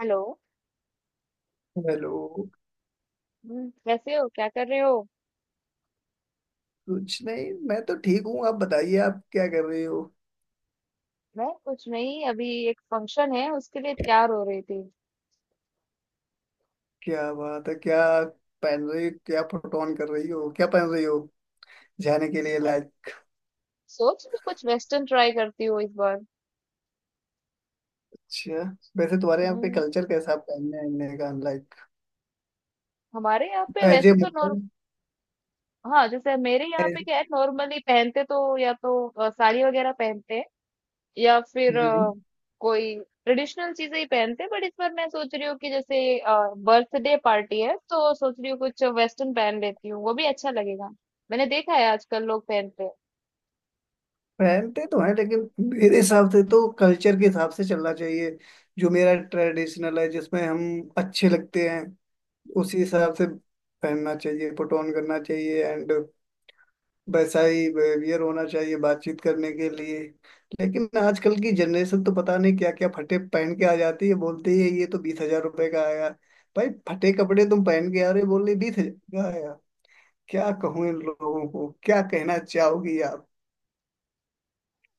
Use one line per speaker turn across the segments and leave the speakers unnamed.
Hello.
Hello.
कैसे हो, क्या कर रहे हो?
कुछ नहीं, मैं तो ठीक हूँ। आप बताइए, आप क्या कर रही हो?
मैं कुछ नहीं, अभी एक फंक्शन है, उसके लिए तैयार हो रही थी।
क्या बात है? क्या पहन रही हो? क्या फोटो ऑन कर रही हो? क्या पहन रही हो जाने के लिए?
मैं
लाइक,
सोच रही कुछ वेस्टर्न ट्राई करती हूँ इस बार।
अच्छा। वैसे तुम्हारे यहाँ पे
हम्म
कल्चर कैसा है पहनने ओढ़ने का? लाइक
हमारे यहाँ पे
एज ए
वैसे तो
मुगल।
नॉर्म। हाँ, जैसे मेरे यहाँ पे
as-
क्या है, नॉर्मली पहनते तो या तो साड़ी वगैरह पहनते हैं, या फिर
हम्म,
कोई ट्रेडिशनल चीजें ही पहनते हैं। बट इस बार मैं सोच रही हूँ कि जैसे बर्थडे पार्टी है, तो सोच रही हूँ कुछ वेस्टर्न पहन लेती हूँ, वो भी अच्छा लगेगा। मैंने देखा है आजकल लोग पहनते हैं।
पहनते तो हैं लेकिन मेरे हिसाब से तो कल्चर के हिसाब से चलना चाहिए। जो मेरा ट्रेडिशनल है जिसमें हम अच्छे लगते हैं, उसी हिसाब से पहनना चाहिए, फोटो ऑन करना चाहिए एंड वैसा ही बिहेवियर होना चाहिए बातचीत करने के लिए। लेकिन आजकल की जनरेशन तो पता नहीं क्या क्या फटे पहन के आ जाती है, बोलती है ये तो 20,000 रुपए का आया। भाई, फटे कपड़े तुम पहन के आ रहे हो, बोल रहे 20,000 का आया। क्या कहूँ इन लोगों को? क्या कहना चाहोगी आप?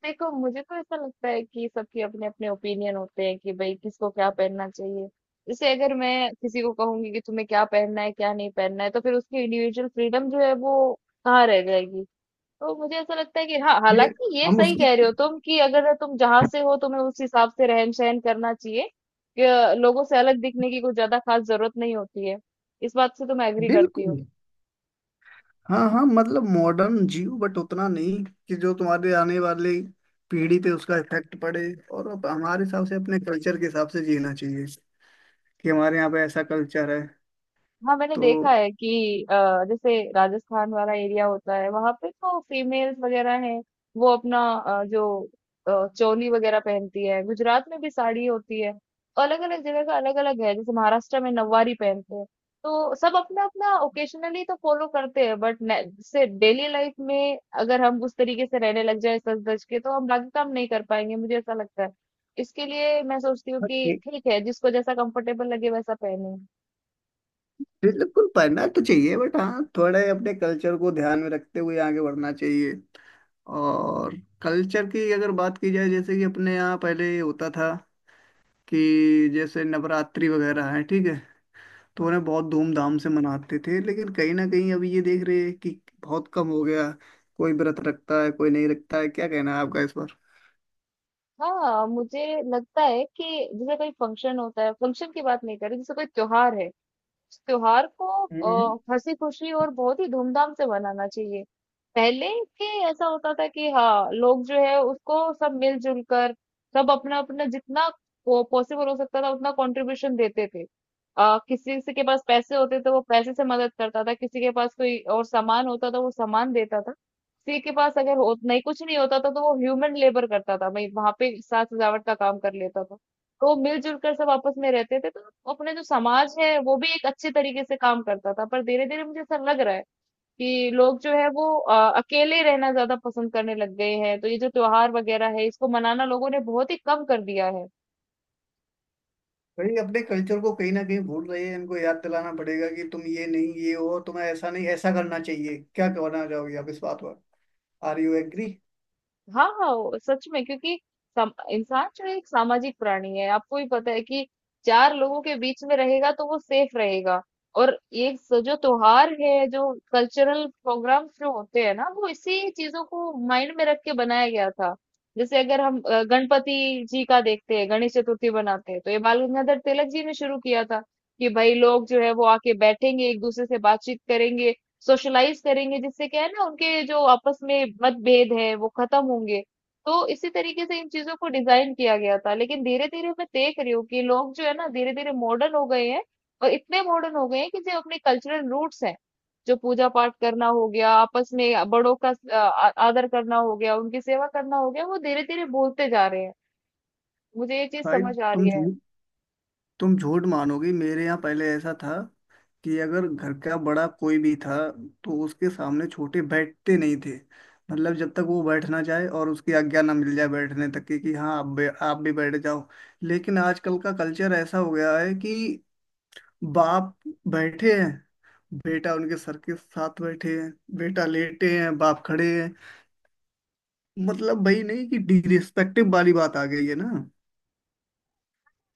देखो मुझे तो ऐसा लगता है कि सबके अपने अपने ओपिनियन होते हैं कि भाई किसको क्या पहनना चाहिए। जैसे अगर मैं किसी को कहूंगी कि तुम्हें क्या पहनना है क्या नहीं पहनना है, तो फिर उसकी इंडिविजुअल फ्रीडम जो है वो कहाँ रह जाएगी? तो मुझे ऐसा लगता है कि हाँ,
ये नहीं,
हालांकि ये
हम
सही
उसकी।
कह रहे हो तुम कि अगर तुम जहां से हो, तुम्हें उस हिसाब से रहन सहन करना चाहिए, कि लोगों से अलग दिखने की कुछ ज्यादा खास जरूरत नहीं होती है। इस बात से तो मैं एग्री करती
बिल्कुल।
हूँ।
हाँ हाँ, मतलब मॉडर्न जियो बट उतना नहीं कि जो तुम्हारे आने वाले पीढ़ी पे उसका इफेक्ट पड़े। और अब हमारे हिसाब से अपने कल्चर के हिसाब से जीना चाहिए, कि हमारे यहाँ पे ऐसा कल्चर है।
हाँ, मैंने
तो
देखा है कि अ, जैसे राजस्थान वाला एरिया होता है, वहां पे तो फीमेल्स वगैरह हैं, वो अपना जो चोली वगैरह पहनती है। गुजरात में भी साड़ी होती है। अलग अलग जगह का अलग अलग है, जैसे महाराष्ट्र में नववारी पहनते हैं। तो सब अपना अपना ओकेशनली तो फॉलो करते हैं, बट जैसे डेली लाइफ में अगर हम उस तरीके से रहने लग जाए सज धज के, तो हम बाकी काम नहीं कर पाएंगे, मुझे ऐसा लगता है। इसके लिए मैं सोचती हूँ
हाँ,
कि
ठीक-
ठीक है, जिसको जैसा कंफर्टेबल लगे वैसा पहने।
बिल्कुल पढ़ना तो चाहिए बट हाँ, थोड़े अपने कल्चर को ध्यान में रखते हुए आगे बढ़ना चाहिए। और कल्चर की अगर बात की जाए, जैसे कि अपने यहाँ पहले ये होता था कि जैसे नवरात्रि वगैरह है, ठीक है, तो उन्हें बहुत धूमधाम से मनाते थे, लेकिन कहीं ना कहीं अभी ये देख रहे हैं कि बहुत कम हो गया। कोई व्रत रखता है कोई नहीं रखता है। क्या कहना है आपका इस पर?
हाँ, मुझे लगता है कि जैसे कोई फंक्शन होता है, फंक्शन की बात नहीं कर रही, जैसे कोई त्योहार है, उस त्योहार को
हम्म।
हँसी-खुशी और बहुत ही धूमधाम से मनाना चाहिए। पहले के ऐसा होता था कि हाँ, लोग जो है उसको सब मिल-जुल कर, सब अपना-अपना जितना पो पॉसिबल हो सकता था उतना कॉन्ट्रिब्यूशन देते थे। किसी से के पास पैसे होते थे वो पैसे से मदद करता था, किसी के पास कोई और सामान होता था वो सामान देता था। किसी के पास अगर हो नहीं कुछ नहीं होता था तो वो ह्यूमन लेबर करता था, भई वहाँ पे साज-सजावट का काम कर लेता था। तो मिलजुल कर सब आपस में रहते थे, तो अपने जो समाज है वो भी एक अच्छे तरीके से काम करता था, पर धीरे धीरे मुझे ऐसा लग रहा है कि लोग जो है वो अकेले रहना ज्यादा पसंद करने लग गए हैं, तो ये जो त्योहार वगैरह है इसको मनाना लोगों ने बहुत ही कम कर दिया है।
भाई अपने कल्चर को कहीं ना कहीं भूल रही है, इनको याद दिलाना पड़ेगा कि तुम ये नहीं, ये हो, तुम्हें ऐसा नहीं ऐसा करना चाहिए। क्या कहना चाहोगी आप इस बात पर? Are you agree?
हाँ, हाँ, वो सच में, क्योंकि सम इंसान जो है एक सामाजिक प्राणी है। आपको भी पता है कि 4 लोगों के बीच में रहेगा तो वो सेफ रहेगा। और ये स जो त्योहार है, जो कल्चरल प्रोग्राम्स जो होते हैं ना, वो इसी चीज़ों को माइंड में रख के बनाया गया था। जैसे अगर हम गणपति जी का देखते हैं, गणेश चतुर्थी बनाते हैं, तो ये बाल गंगाधर तिलक जी ने शुरू किया था कि भाई लोग जो है वो आके बैठेंगे, एक-दूसरे से बातचीत करेंगे, सोशलाइज करेंगे, जिससे क्या है ना उनके जो आपस में मतभेद है वो खत्म होंगे। तो इसी तरीके से इन चीजों को डिजाइन किया गया था, लेकिन धीरे धीरे मैं देख रही हूँ कि लोग जो है ना धीरे धीरे मॉडर्न हो गए हैं। और इतने मॉडर्न हो गए हैं कि जो अपने कल्चरल रूट्स हैं, जो पूजा पाठ करना हो गया, आपस में बड़ों का आदर करना हो गया, उनकी सेवा करना हो गया, वो धीरे धीरे भूलते जा रहे हैं। मुझे ये चीज
भाई
समझ आ
तुम
रही है।
झूठ तुम झूठ मानोगी, मेरे यहाँ पहले ऐसा था कि अगर घर का बड़ा कोई भी था तो उसके सामने छोटे बैठते नहीं थे। मतलब जब तक वो बैठ ना जाए और उसकी आज्ञा ना मिल जाए बैठने तक की, कि हाँ आप भी बैठ जाओ। लेकिन आजकल का कल्चर ऐसा हो गया है कि बाप बैठे हैं, बेटा उनके सर के साथ बैठे हैं, बेटा लेटे हैं बाप खड़े हैं। मतलब भाई, नहीं कि डिरिस्पेक्टिव वाली बात आ गई है ना?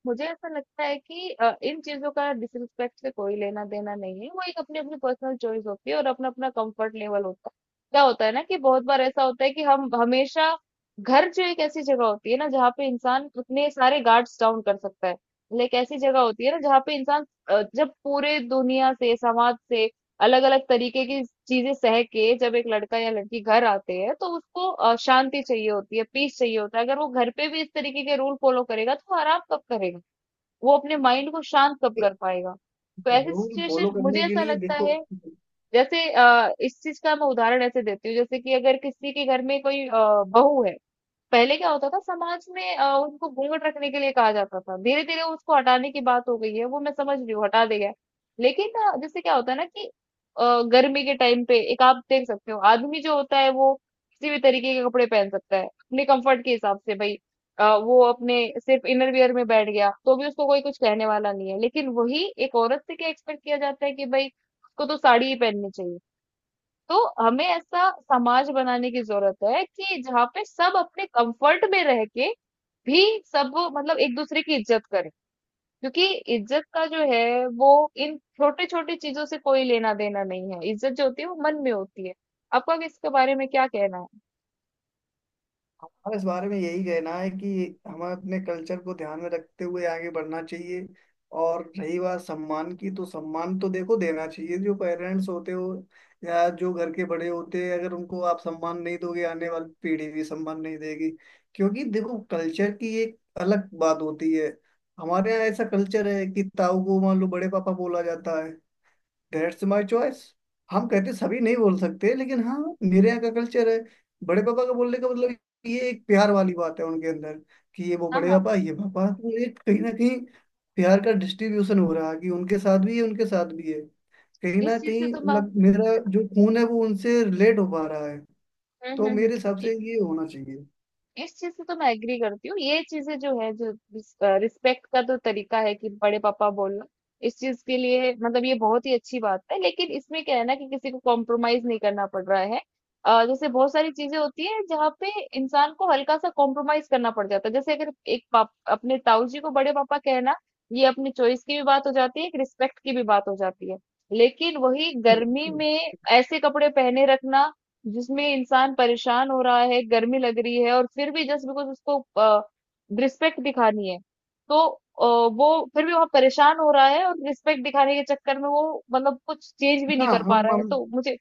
मुझे ऐसा लगता है कि इन चीजों का डिसरिस्पेक्ट से कोई लेना देना नहीं है, वो एक अपनी अपनी पर्सनल चॉइस होती है और अपना अपना कंफर्ट लेवल होता है। क्या होता है ना कि बहुत बार ऐसा होता है कि हम हमेशा घर जो एक ऐसी जगह होती है ना जहाँ पे इंसान अपने सारे गार्ड्स डाउन कर सकता है, मतलब एक ऐसी जगह होती है ना जहाँ पे इंसान जब पूरे दुनिया से समाज से अलग अलग तरीके की चीजें सह के जब एक लड़का या लड़की घर आते हैं, तो उसको शांति चाहिए होती है, पीस चाहिए होता है। अगर वो घर पे भी इस तरीके के रूल फॉलो करेगा तो वो आराम कब करेगा? वो अपने माइंड को शांत कब कर पाएगा? तो ऐसी
रूल फॉलो
सिचुएशन, मुझे
करने के
ऐसा
लिए
लगता
देखो,
है। जैसे इस चीज का मैं उदाहरण ऐसे देती हूँ, जैसे कि अगर किसी के घर में कोई बहू है। पहले क्या होता था समाज में, उनको घूंघट रखने के लिए कहा जाता था, धीरे धीरे उसको हटाने की बात हो गई है, वो मैं समझ रही हूँ हटा देगा। लेकिन जैसे क्या होता है ना कि गर्मी के टाइम पे एक आप देख सकते हो आदमी जो होता है वो किसी भी तरीके के कपड़े पहन सकता है अपने कंफर्ट के हिसाब से भाई। वो अपने सिर्फ इनर वियर में बैठ गया तो भी उसको कोई कुछ कहने वाला नहीं है, लेकिन वही एक औरत से क्या एक्सपेक्ट किया जाता है कि भाई उसको तो साड़ी ही पहननी चाहिए। तो हमें ऐसा समाज बनाने की जरूरत है कि जहाँ पे सब अपने कंफर्ट में रह के भी सब मतलब एक दूसरे की इज्जत करें। क्योंकि इज्जत का जो है वो इन छोटे छोटे चीजों से कोई लेना देना नहीं है, इज्जत जो होती है वो मन में होती है। आपका इसके बारे में क्या कहना है?
हमारा इस बारे में यही कहना है कि हमें अपने कल्चर को ध्यान में रखते हुए आगे बढ़ना चाहिए। और रही बात सम्मान की, तो सम्मान तो देखो देना चाहिए। जो पेरेंट्स होते हो या जो घर के बड़े होते हैं, अगर उनको आप सम्मान नहीं दोगे आने वाली पीढ़ी भी सम्मान नहीं देगी। क्योंकि देखो, कल्चर की एक अलग बात होती है। हमारे यहाँ ऐसा कल्चर है कि ताऊ को मान लो बड़े पापा बोला जाता है। That's my choice. हम कहते सभी नहीं बोल सकते, लेकिन हाँ, मेरे यहाँ का कल्चर है। बड़े पापा का बोलने का मतलब, ये एक प्यार वाली बात है उनके अंदर कि ये वो
हाँ,
बड़े
हाँ,
पापा, ये पापा, तो एक कहीं ना कहीं प्यार का डिस्ट्रीब्यूशन हो रहा है, कि उनके साथ भी है उनके साथ भी है। कहीं ना
इस चीज से
कहीं
तो मैं,
लग मेरा जो खून है वो उनसे रिलेट हो पा रहा है।
हम्म
तो
हम्म
मेरे हिसाब
हम्म।
से ये होना चाहिए।
इस चीज से तो मैं एग्री करती हूँ। ये चीजें जो है, जो रिस्पेक्ट का तो तरीका है कि बड़े पापा बोलना, इस चीज के लिए मतलब ये बहुत ही अच्छी बात है, लेकिन इसमें क्या है ना कि किसी को कॉम्प्रोमाइज नहीं करना पड़ रहा है। जैसे बहुत सारी चीजें होती है जहाँ पे इंसान को हल्का सा कॉम्प्रोमाइज करना पड़ जाता है, जैसे अगर एक पाप अपने ताऊ जी को बड़े पापा कहना, ये अपनी चॉइस की भी बात हो जाती है, एक रिस्पेक्ट की भी बात हो जाती है। लेकिन वही गर्मी में ऐसे कपड़े पहने रखना जिसमें इंसान परेशान हो रहा है, गर्मी लग रही है, और फिर भी जस्ट बिकॉज उसको रिस्पेक्ट दिखानी है, तो वो फिर भी वहां परेशान हो रहा है, और रिस्पेक्ट दिखाने के चक्कर में वो मतलब कुछ चेंज भी नहीं
हाँ
कर पा
हम
रहा है।
हम।
तो मुझे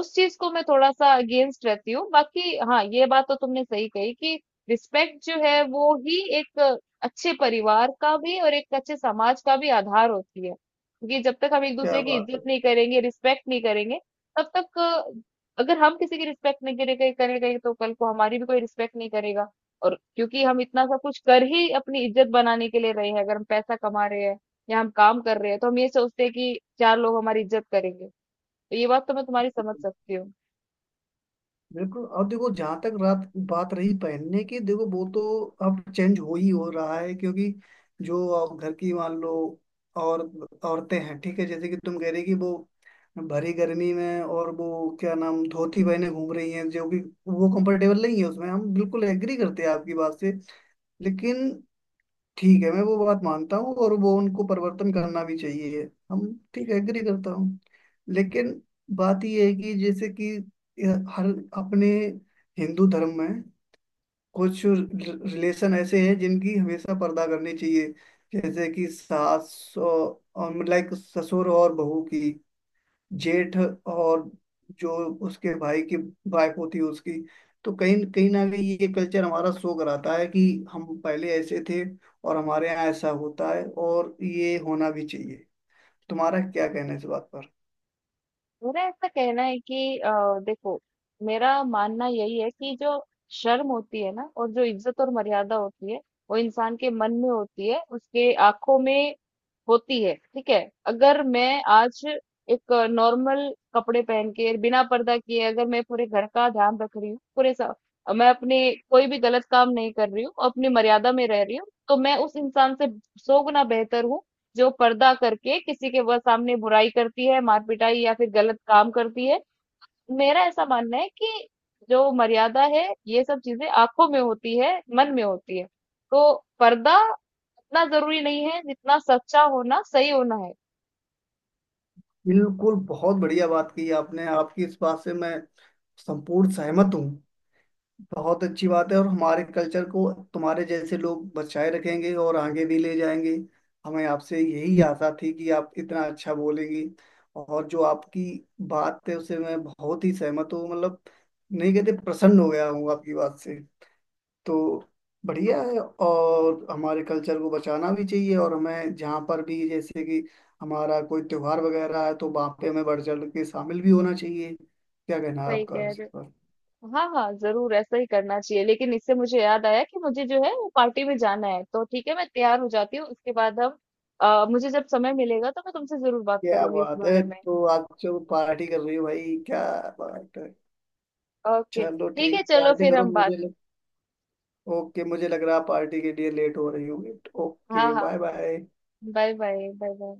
उस चीज को मैं थोड़ा सा अगेंस्ट रहती हूँ, बाकी हाँ, ये बात तो तुमने सही कही कि रिस्पेक्ट जो है वो ही एक अच्छे परिवार का भी और एक अच्छे समाज का भी आधार होती है। क्योंकि जब तक हम एक
क्या
दूसरे की इज्जत
बात
नहीं करेंगे, रिस्पेक्ट नहीं करेंगे, तब तक अगर हम किसी की रिस्पेक्ट नहीं करेंगे करेंगे तो कल को हमारी भी कोई रिस्पेक्ट नहीं करेगा। और क्योंकि हम इतना सब कुछ कर ही अपनी इज्जत बनाने के लिए रहे हैं, अगर हम पैसा कमा रहे हैं या हम काम कर रहे हैं, तो हम ये सोचते हैं कि चार लोग हमारी इज्जत करेंगे। तो ये बात तो मैं तुम्हारी समझ
है।
सकती हूँ।
बिल्कुल, अब देखो जहां तक रात बात रही पहनने की, देखो वो तो अब चेंज हो ही हो रहा है, क्योंकि जो अब घर की मान लो और औरतें हैं, ठीक है, जैसे कि तुम कह रही कि वो भरी गर्मी में और वो क्या नाम धोती पहने घूम रही हैं जो कि वो कंफर्टेबल नहीं है, उसमें हम बिल्कुल एग्री करते हैं आपकी बात से। लेकिन ठीक है, मैं वो बात मानता हूँ और वो उनको परिवर्तन करना भी चाहिए। हम ठीक है एग्री करता हूँ। लेकिन बात ये है कि जैसे कि यह हर अपने हिंदू धर्म में कुछ रिलेशन ऐसे हैं जिनकी हमेशा पर्दा करनी चाहिए, जैसे कि सास लाइक ससुर और बहू की, जेठ और जो उसके भाई की वाइफ होती है उसकी। तो कहीं कहीं ना कहीं ये कल्चर हमारा शो कराता है कि हम पहले ऐसे थे और हमारे यहाँ ऐसा होता है और ये होना भी चाहिए। तुम्हारा क्या कहना है इस बात पर?
मेरा ऐसा कहना है कि देखो, मेरा मानना यही है कि जो शर्म होती है ना और जो इज्जत और मर्यादा होती है, वो इंसान के मन में होती है, उसके आंखों में होती है, ठीक है। अगर मैं आज एक नॉर्मल कपड़े पहन के बिना पर्दा किए अगर मैं पूरे घर का ध्यान रख रही हूँ, मैं अपने कोई भी गलत काम नहीं कर रही हूँ, अपनी मर्यादा में रह रही हूँ, तो मैं उस इंसान से 100 गुना बेहतर हूँ जो पर्दा करके किसी के वह सामने बुराई करती है, मार पिटाई या फिर गलत काम करती है। मेरा ऐसा मानना है कि जो मर्यादा है ये सब चीजें आंखों में होती है, मन में होती है। तो पर्दा उतना जरूरी नहीं है जितना सच्चा होना सही होना है।
बिल्कुल, बहुत बढ़िया बात की आपने। आपकी इस बात से मैं संपूर्ण सहमत हूँ। बहुत अच्छी बात है और हमारे कल्चर को तुम्हारे जैसे लोग बचाए रखेंगे और आगे भी ले जाएंगे। हमें आपसे यही आशा थी कि आप इतना अच्छा बोलेंगी। और जो आपकी बात है उसे मैं बहुत ही सहमत हूँ, मतलब नहीं कहते प्रसन्न हो गया हूँ आपकी बात से। तो बढ़िया है, और हमारे कल्चर को बचाना भी चाहिए और हमें जहाँ पर भी, जैसे कि हमारा कोई त्योहार वगैरह है, तो वहाँ पे हमें बढ़ चढ़ के शामिल भी होना चाहिए। क्या कहना है
सही
आपका
कह
इस
रहे
पर?
हो। हाँ, हाँ, जरूर ऐसा ही करना चाहिए, लेकिन इससे मुझे याद आया कि मुझे जो है वो पार्टी में जाना है, तो ठीक है मैं तैयार हो जाती हूँ, उसके बाद हम, मुझे जब समय मिलेगा तो मैं तुमसे जरूर बात
क्या
करूंगी इस
बात है,
बारे में।
तो आप जो पार्टी कर रही हो, भाई क्या बात है।
ओके,
चलो
ठीक है,
ठीक है,
चलो
पार्टी
फिर
करो।
हम बात।
ओके, मुझे लग रहा है पार्टी के लिए लेट हो रही होगी।
हाँ,
ओके,
हाँ,
bye bye.
Bye bye bye bye.